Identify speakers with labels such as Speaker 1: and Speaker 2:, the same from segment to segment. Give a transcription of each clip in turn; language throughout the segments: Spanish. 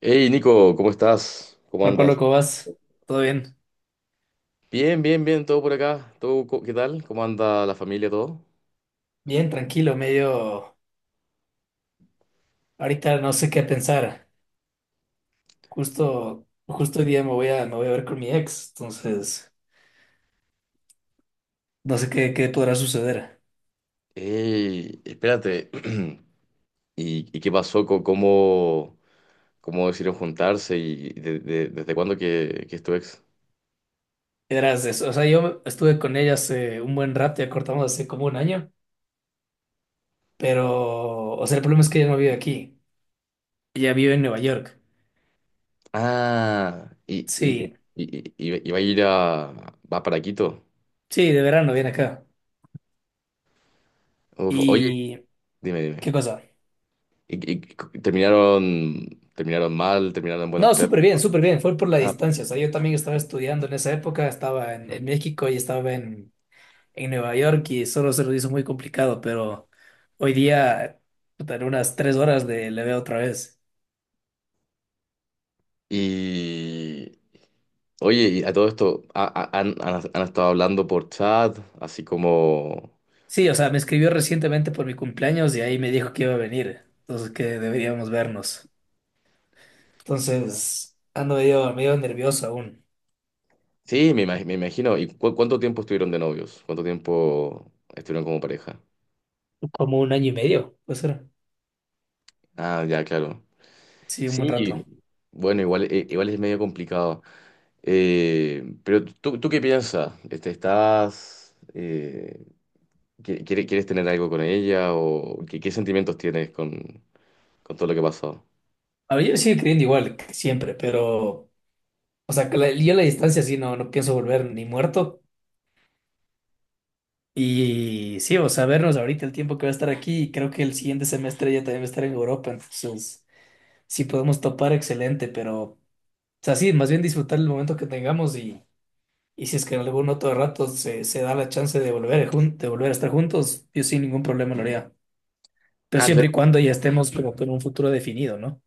Speaker 1: Hey Nico, ¿cómo estás? ¿Cómo
Speaker 2: Hola Pablo,
Speaker 1: andas?
Speaker 2: ¿cómo vas? ¿Todo bien?
Speaker 1: Bien, bien, bien, todo por acá. ¿Todo, qué tal? ¿Cómo anda la familia, todo?
Speaker 2: Bien, tranquilo, medio... Ahorita no sé qué pensar. Justo hoy día me voy a ver con mi ex, entonces no sé qué podrá suceder.
Speaker 1: Hey, espérate. ¿Y qué pasó? ¿Cómo, cómo decidieron juntarse? ¿Y desde cuándo que es tu ex?
Speaker 2: Verás, yo estuve con ella hace un buen rato, ya cortamos hace como un año, pero, o sea, el problema es que ella no vive aquí, ella vive en Nueva York.
Speaker 1: Ah, y, y,
Speaker 2: Sí,
Speaker 1: y va a ir a... va para Quito.
Speaker 2: sí, de verano viene acá.
Speaker 1: Uf, oye,
Speaker 2: ¿Y
Speaker 1: dime, dime.
Speaker 2: qué cosa?
Speaker 1: ¿Y terminaron, terminaron mal? ¿Terminaron en buenos
Speaker 2: No,
Speaker 1: términos?
Speaker 2: súper bien, fue por la
Speaker 1: Ah,
Speaker 2: distancia, o sea, yo también estaba estudiando en esa época, estaba en México y estaba en Nueva York y solo se nos hizo muy complicado, pero hoy día, puta, en unas 3 horas le veo otra vez.
Speaker 1: y oye, y a todo esto, ¿Han estado hablando por chat, así como...
Speaker 2: Sí, o sea, me escribió recientemente por mi cumpleaños y ahí me dijo que iba a venir, entonces que deberíamos vernos. Entonces, ando medio nervioso aún.
Speaker 1: Sí, me, me imagino. ¿Y cuánto tiempo estuvieron de novios? ¿Cuánto tiempo estuvieron como pareja?
Speaker 2: Como un año y medio, puede ser.
Speaker 1: Ah, ya, claro.
Speaker 2: Sí, un buen rato.
Speaker 1: Sí, bueno, igual, igual es medio complicado. Pero ¿tú, tú qué piensas? Este, ¿estás... ¿Quieres tener algo con ella? ¿O qué, qué sentimientos tienes con todo lo que ha pasado?
Speaker 2: A ver, yo sigo creyendo igual que siempre, pero, o sea, yo la distancia sí no pienso volver ni muerto. Y sí, o sea, vernos ahorita el tiempo que va a estar aquí, y creo que el siguiente semestre ya también va a estar en Europa, entonces sí podemos topar excelente, pero, o sea, sí, más bien disfrutar el momento que tengamos y si es que en algún otro rato se da la chance de volver, de volver a estar juntos, yo sin ningún problema lo haría, pero
Speaker 1: Ah,
Speaker 2: siempre y
Speaker 1: claro.
Speaker 2: cuando ya estemos como con un futuro definido, ¿no?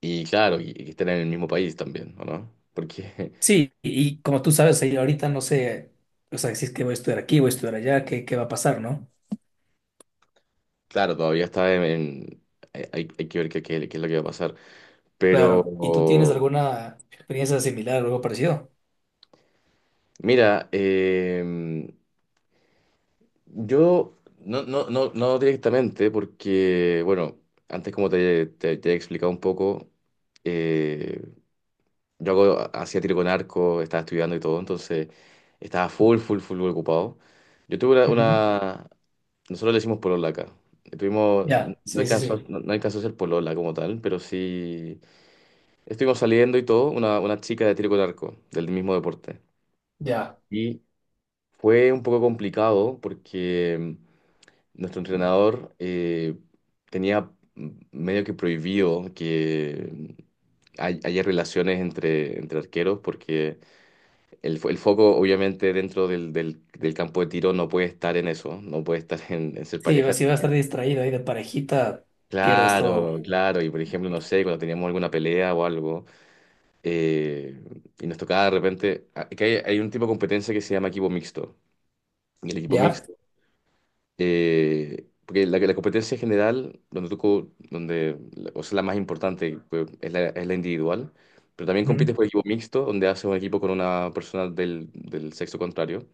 Speaker 1: Y claro, y estén en el mismo país también, ¿o no? Porque...
Speaker 2: Sí, y, como tú sabes, ahí ahorita no sé, o sea, si es que voy a estudiar aquí, voy a estudiar allá, ¿qué, qué va a pasar, ¿no?
Speaker 1: Claro, todavía está en... hay, que ver qué, qué es lo que va a pasar.
Speaker 2: Claro, ¿y tú tienes
Speaker 1: Pero,
Speaker 2: alguna experiencia similar o algo parecido?
Speaker 1: mira, yo no, no, no, no directamente, porque, bueno, antes como te, te he explicado un poco, eh, yo hacía tiro con arco, estaba estudiando y todo, entonces estaba full, full, full ocupado. Yo tuve una...
Speaker 2: Ujú.
Speaker 1: nosotros le decimos polola acá. Tuvimos,
Speaker 2: Ya,
Speaker 1: no
Speaker 2: sí, sí,
Speaker 1: alcanzó,
Speaker 2: sí.
Speaker 1: no, no alcanzó a ser polola como tal, pero sí... Estuvimos saliendo y todo, una chica de tiro con arco, del mismo deporte.
Speaker 2: Ya.
Speaker 1: Y fue un poco complicado porque nuestro entrenador tenía medio que prohibido que haya relaciones entre, entre arqueros porque el, el foco obviamente dentro del, del campo de tiro no puede estar en eso, no puede estar en ser
Speaker 2: Sí,
Speaker 1: pareja.
Speaker 2: si va a estar distraído ahí de parejita, pierdes todo.
Speaker 1: Claro, claro. Y por ejemplo, no sé, cuando teníamos alguna pelea o algo. Eh, y nos tocaba de repente, que hay un tipo de competencia que se llama equipo mixto. Y el equipo
Speaker 2: ¿Ya?
Speaker 1: mixto, porque la competencia general, donde tú, donde, o sea, la más importante, pues, es la individual, pero también compites
Speaker 2: Ujú.
Speaker 1: por equipo mixto, donde haces un equipo con una persona del, del sexo contrario.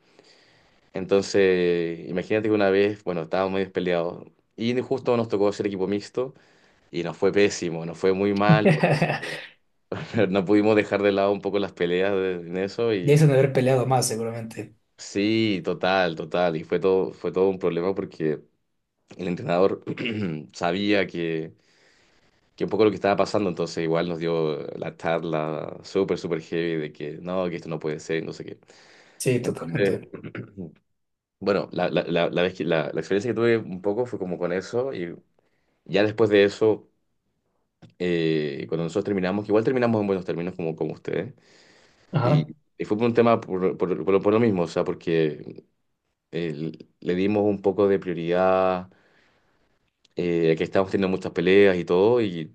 Speaker 1: Entonces, imagínate que una vez, bueno, estábamos medio peleados y justo nos tocó hacer equipo mixto y nos fue pésimo, nos fue muy mal, porque no pudimos dejar de lado un poco las peleas en eso
Speaker 2: Ya
Speaker 1: y...
Speaker 2: hizo de haber peleado más, seguramente.
Speaker 1: Sí, total, total. Y fue todo un problema porque el entrenador sabía que un poco lo que estaba pasando, entonces igual nos dio la charla súper, súper heavy de que no, que esto no puede ser, no sé qué.
Speaker 2: Sí,
Speaker 1: Entonces,
Speaker 2: totalmente.
Speaker 1: bueno, la vez que, la experiencia que tuve un poco fue como con eso y ya después de eso, cuando nosotros terminamos, que igual terminamos en buenos términos como, como ustedes, y,
Speaker 2: Ajá.
Speaker 1: y fue por un tema por, por lo mismo, o sea, porque eh, le dimos un poco de prioridad, que estábamos teniendo muchas peleas y todo,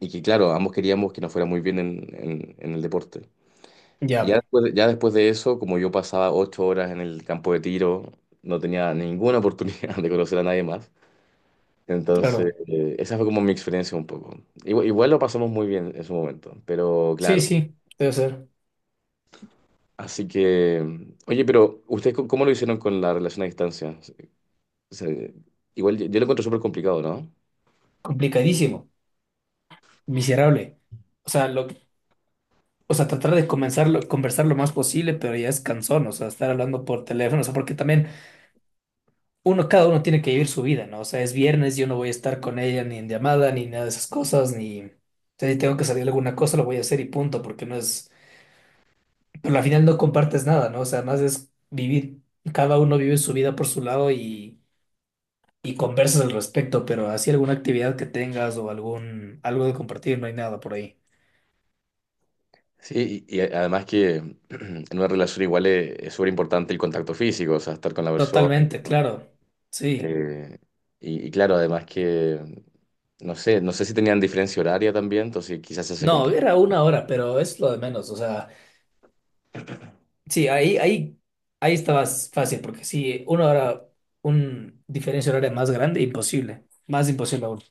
Speaker 1: y que claro, ambos queríamos que nos fuera muy bien en, en el deporte. Y ya
Speaker 2: Ya,
Speaker 1: después, ya después de eso, como yo pasaba 8 horas en el campo de tiro, no tenía ninguna oportunidad de conocer a nadie más. Entonces,
Speaker 2: claro.
Speaker 1: esa fue como mi experiencia un poco. Igual, igual lo pasamos muy bien en su momento, pero
Speaker 2: Sí,
Speaker 1: claro.
Speaker 2: sí, debe ser.
Speaker 1: Así que, oye, pero ¿ustedes cómo cómo lo hicieron con la relación a distancia? Se- Igual yo, yo lo encuentro súper complicado, ¿no?
Speaker 2: Complicadísimo. Miserable. O sea, o sea, tratar de comenzarlo conversar lo más posible, pero ya es cansón. O sea, estar hablando por teléfono. O sea, porque también uno, cada uno tiene que vivir su vida, ¿no? O sea, es viernes, yo no voy a estar con ella ni en llamada, ni nada de esas cosas, ni... O sea, si tengo que salir a alguna cosa, lo voy a hacer y punto, porque no es... Pero al final no compartes nada, ¿no? O sea, más es vivir, cada uno vive su vida por su lado y conversas al respecto, pero así alguna actividad que tengas o algún, algo de compartir, no hay nada por ahí.
Speaker 1: Sí, y además que en una relación igual es súper importante el contacto físico, o sea, estar con la persona. Y
Speaker 2: Totalmente,
Speaker 1: todo.
Speaker 2: claro. Sí.
Speaker 1: eh, y, y claro, además que, no sé, no sé si tenían diferencia horaria también, entonces quizás se
Speaker 2: No,
Speaker 1: complicó.
Speaker 2: era una hora, pero es lo de menos, o sea... Sí, ahí estabas fácil, porque si uno ahora un diferencia horaria más grande, imposible, más imposible aún.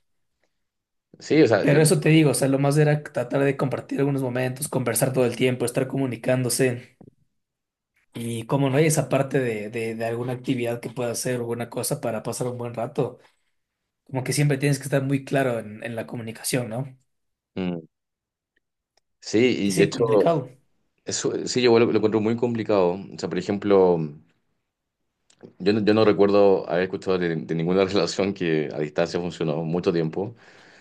Speaker 1: Sí, o sea,
Speaker 2: Pero eso te digo, o sea, lo más era tratar de compartir algunos momentos, conversar todo el tiempo, estar comunicándose. Y como no hay esa parte de alguna actividad que pueda hacer, alguna cosa para pasar un buen rato, como que siempre tienes que estar muy claro en la comunicación, ¿no?
Speaker 1: mm, sí,
Speaker 2: Y
Speaker 1: y de
Speaker 2: sí,
Speaker 1: hecho,
Speaker 2: complicado.
Speaker 1: eso sí, yo lo encuentro muy complicado. O sea, por ejemplo, yo no, yo no recuerdo haber escuchado de ninguna relación que a distancia funcionó mucho tiempo.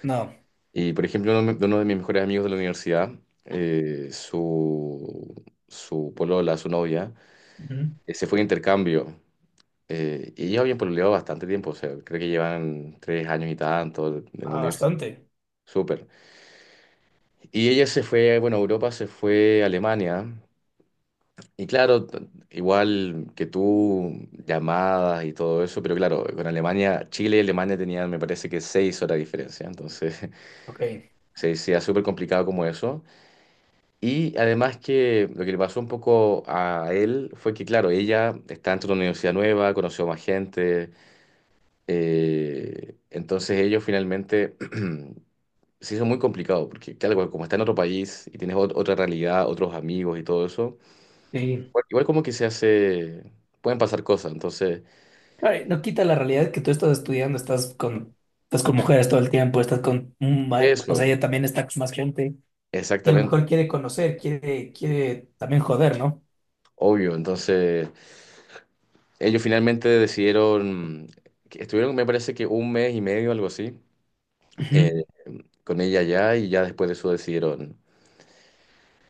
Speaker 2: No.
Speaker 1: Y por ejemplo, uno de mis mejores amigos de la universidad, su, su polola, su novia,
Speaker 2: Ujú.
Speaker 1: se fue de intercambio. Y ellos habían pololeado bastante tiempo, o sea, creo que llevan 3 años y tanto en la
Speaker 2: Ah,
Speaker 1: universidad.
Speaker 2: bastante.
Speaker 1: Súper. Y ella se fue, bueno, a Europa, se fue a Alemania. Y claro, igual que tú, llamadas y todo eso, pero claro, con Alemania, Chile y Alemania tenían, me parece que 6 horas de diferencia. Entonces,
Speaker 2: Ok.
Speaker 1: se decía súper complicado como eso. Y además que lo que le pasó un poco a él fue que, claro, ella está dentro de una universidad nueva, conoció más gente, entonces ellos finalmente se hizo muy complicado, porque claro, como está en otro país y tienes otra realidad, otros amigos y todo eso,
Speaker 2: Sí.
Speaker 1: igual igual como que se hace, pueden pasar cosas, entonces
Speaker 2: Ay, no quita la realidad que tú estás estudiando, estás con mujeres todo el tiempo, estás con, o sea,
Speaker 1: eso,
Speaker 2: ella también está con más gente y a lo
Speaker 1: exactamente,
Speaker 2: mejor quiere conocer, quiere también joder, ¿no?
Speaker 1: obvio, entonces ellos finalmente decidieron, que estuvieron me parece que un mes y medio, algo así
Speaker 2: Ujú.
Speaker 1: con ella ya y ya después de eso decidieron,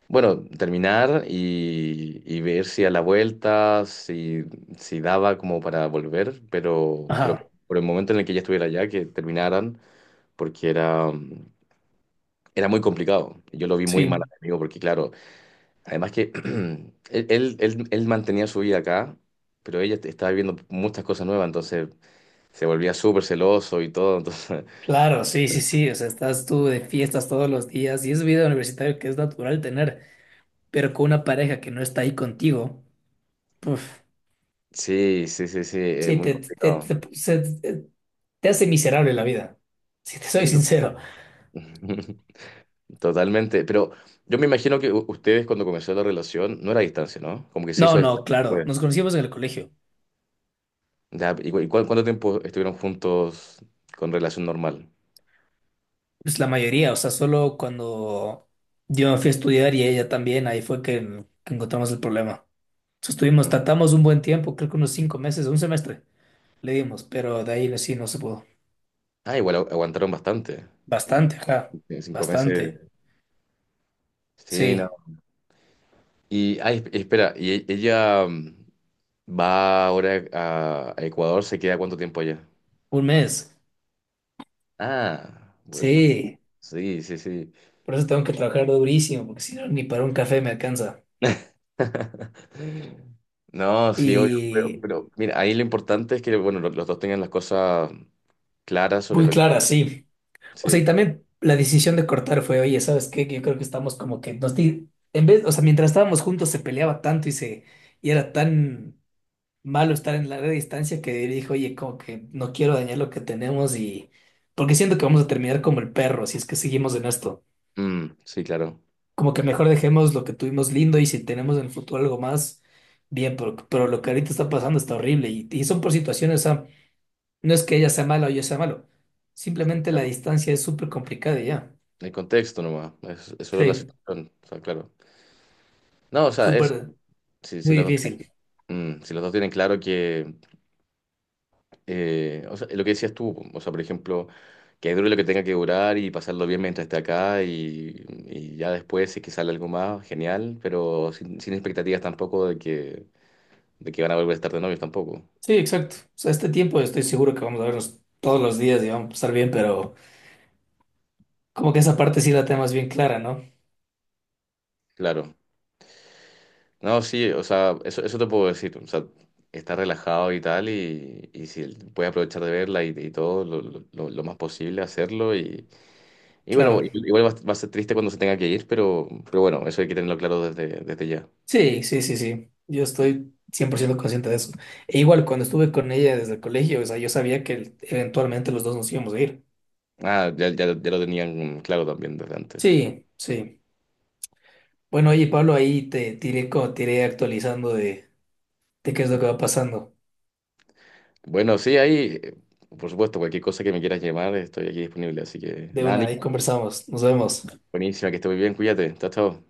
Speaker 1: bueno, terminar y ver si a la vuelta, si, si daba como para volver, pero
Speaker 2: Ajá,
Speaker 1: por el momento en el que ella estuviera allá, que terminaran, porque era, era muy complicado. Yo lo vi muy mal a
Speaker 2: sí,
Speaker 1: mi amigo, porque claro, además que él mantenía su vida acá, pero ella estaba viviendo muchas cosas nuevas, entonces se volvía súper celoso y todo, entonces
Speaker 2: claro, sí, sí, sí, o sea, estás tú de fiestas todos los días y es vida universitaria que es natural tener, pero con una pareja que no está ahí contigo, puf,
Speaker 1: sí, sí, sí, sí, es
Speaker 2: sí,
Speaker 1: muy complicado.
Speaker 2: te hace miserable la vida, si te soy
Speaker 1: Sí, tú-
Speaker 2: sincero.
Speaker 1: Totalmente, pero yo me imagino que ustedes cuando comenzó la relación no era a distancia, ¿no? Como que se hizo
Speaker 2: No,
Speaker 1: a
Speaker 2: no,
Speaker 1: distancia
Speaker 2: claro,
Speaker 1: después.
Speaker 2: nos conocimos en el colegio.
Speaker 1: Ya, ¿y, cu- cuánto tiempo estuvieron juntos con relación normal?
Speaker 2: Pues la mayoría, o sea, solo cuando yo me fui a estudiar y ella también, ahí fue que encontramos el problema. Entonces estuvimos,
Speaker 1: Mm.
Speaker 2: tratamos un buen tiempo, creo que unos 5 meses, un semestre le dimos, pero de ahí sí no se pudo.
Speaker 1: Ah, igual aguantaron bastante,
Speaker 2: Bastante, ajá,
Speaker 1: en cinco
Speaker 2: bastante.
Speaker 1: meses. Sí, no.
Speaker 2: Sí,
Speaker 1: Y, ay, espera, ¿y ella va ahora a Ecuador? ¿Se queda cuánto tiempo allá?
Speaker 2: un mes.
Speaker 1: Ah, bueno,
Speaker 2: Sí,
Speaker 1: sí, sí, sí.
Speaker 2: por eso tengo que trabajar durísimo, porque si no, ni para un café me alcanza.
Speaker 1: No, sí, obvio,
Speaker 2: Y
Speaker 1: pero mira, ahí lo importante es que, bueno, los dos tengan las cosas clara sobre
Speaker 2: muy
Speaker 1: lo que...
Speaker 2: clara, sí. O sea, y
Speaker 1: Sí,
Speaker 2: también la decisión de cortar fue, oye, ¿sabes qué? Que Yo creo que estamos como que en vez, o sea, mientras estábamos juntos se peleaba tanto y era tan malo estar en larga distancia que dijo, oye, como que no quiero dañar lo que tenemos y porque siento que vamos a terminar como el perro si es que seguimos en esto.
Speaker 1: mm, sí, claro.
Speaker 2: Como que mejor dejemos lo que tuvimos lindo y si tenemos en el futuro algo más, bien, pero lo que ahorita está pasando está horrible y son por situaciones, o sea, no es que ella sea mala o yo sea malo, simplemente la
Speaker 1: Claro.
Speaker 2: distancia es súper complicada y ya.
Speaker 1: El contexto nomás, es solo la
Speaker 2: Sí.
Speaker 1: situación, o sea, claro. No, o sea, eso,
Speaker 2: Súper,
Speaker 1: si, si
Speaker 2: muy
Speaker 1: los dos
Speaker 2: difícil.
Speaker 1: tienen, si los dos tienen claro que, o sea, lo que decías tú, o sea, por ejemplo, que dure lo que tenga que durar y pasarlo bien mientras esté acá y ya después si es que sale algo más, genial, pero sin, sin expectativas tampoco de que, de que van a volver a estar de novios tampoco,
Speaker 2: Sí, exacto. O sea, este tiempo estoy seguro que vamos a vernos todos los días y vamos a estar bien, pero como que esa parte sí la tenemos bien clara, ¿no?
Speaker 1: claro. No, sí, o sea, eso te puedo decir. O sea, está relajado y tal, y si puedes aprovechar de verla y todo, lo, lo más posible hacerlo. Y bueno,
Speaker 2: Claro.
Speaker 1: igual va, a va a ser triste cuando se tenga que ir, pero bueno, eso hay que tenerlo claro desde, desde ya.
Speaker 2: Sí, sí, sí, sí. Yo estoy 100% consciente de eso. E igual, cuando estuve con ella desde el colegio, o sea, yo sabía que eventualmente los dos nos íbamos a ir.
Speaker 1: Ah, ya, ya, ya lo tenían claro también desde antes.
Speaker 2: Sí, sí. Bueno, oye, Pablo, ahí te tiré, te iré actualizando de qué es lo que va pasando.
Speaker 1: Bueno, sí, ahí, por supuesto, cualquier cosa que me quieras llamar, estoy aquí disponible. Así que
Speaker 2: De
Speaker 1: nada,
Speaker 2: una, ahí
Speaker 1: Nico,
Speaker 2: conversamos. Nos vemos.
Speaker 1: buenísima, que esté muy bien, cuídate, chao, chao.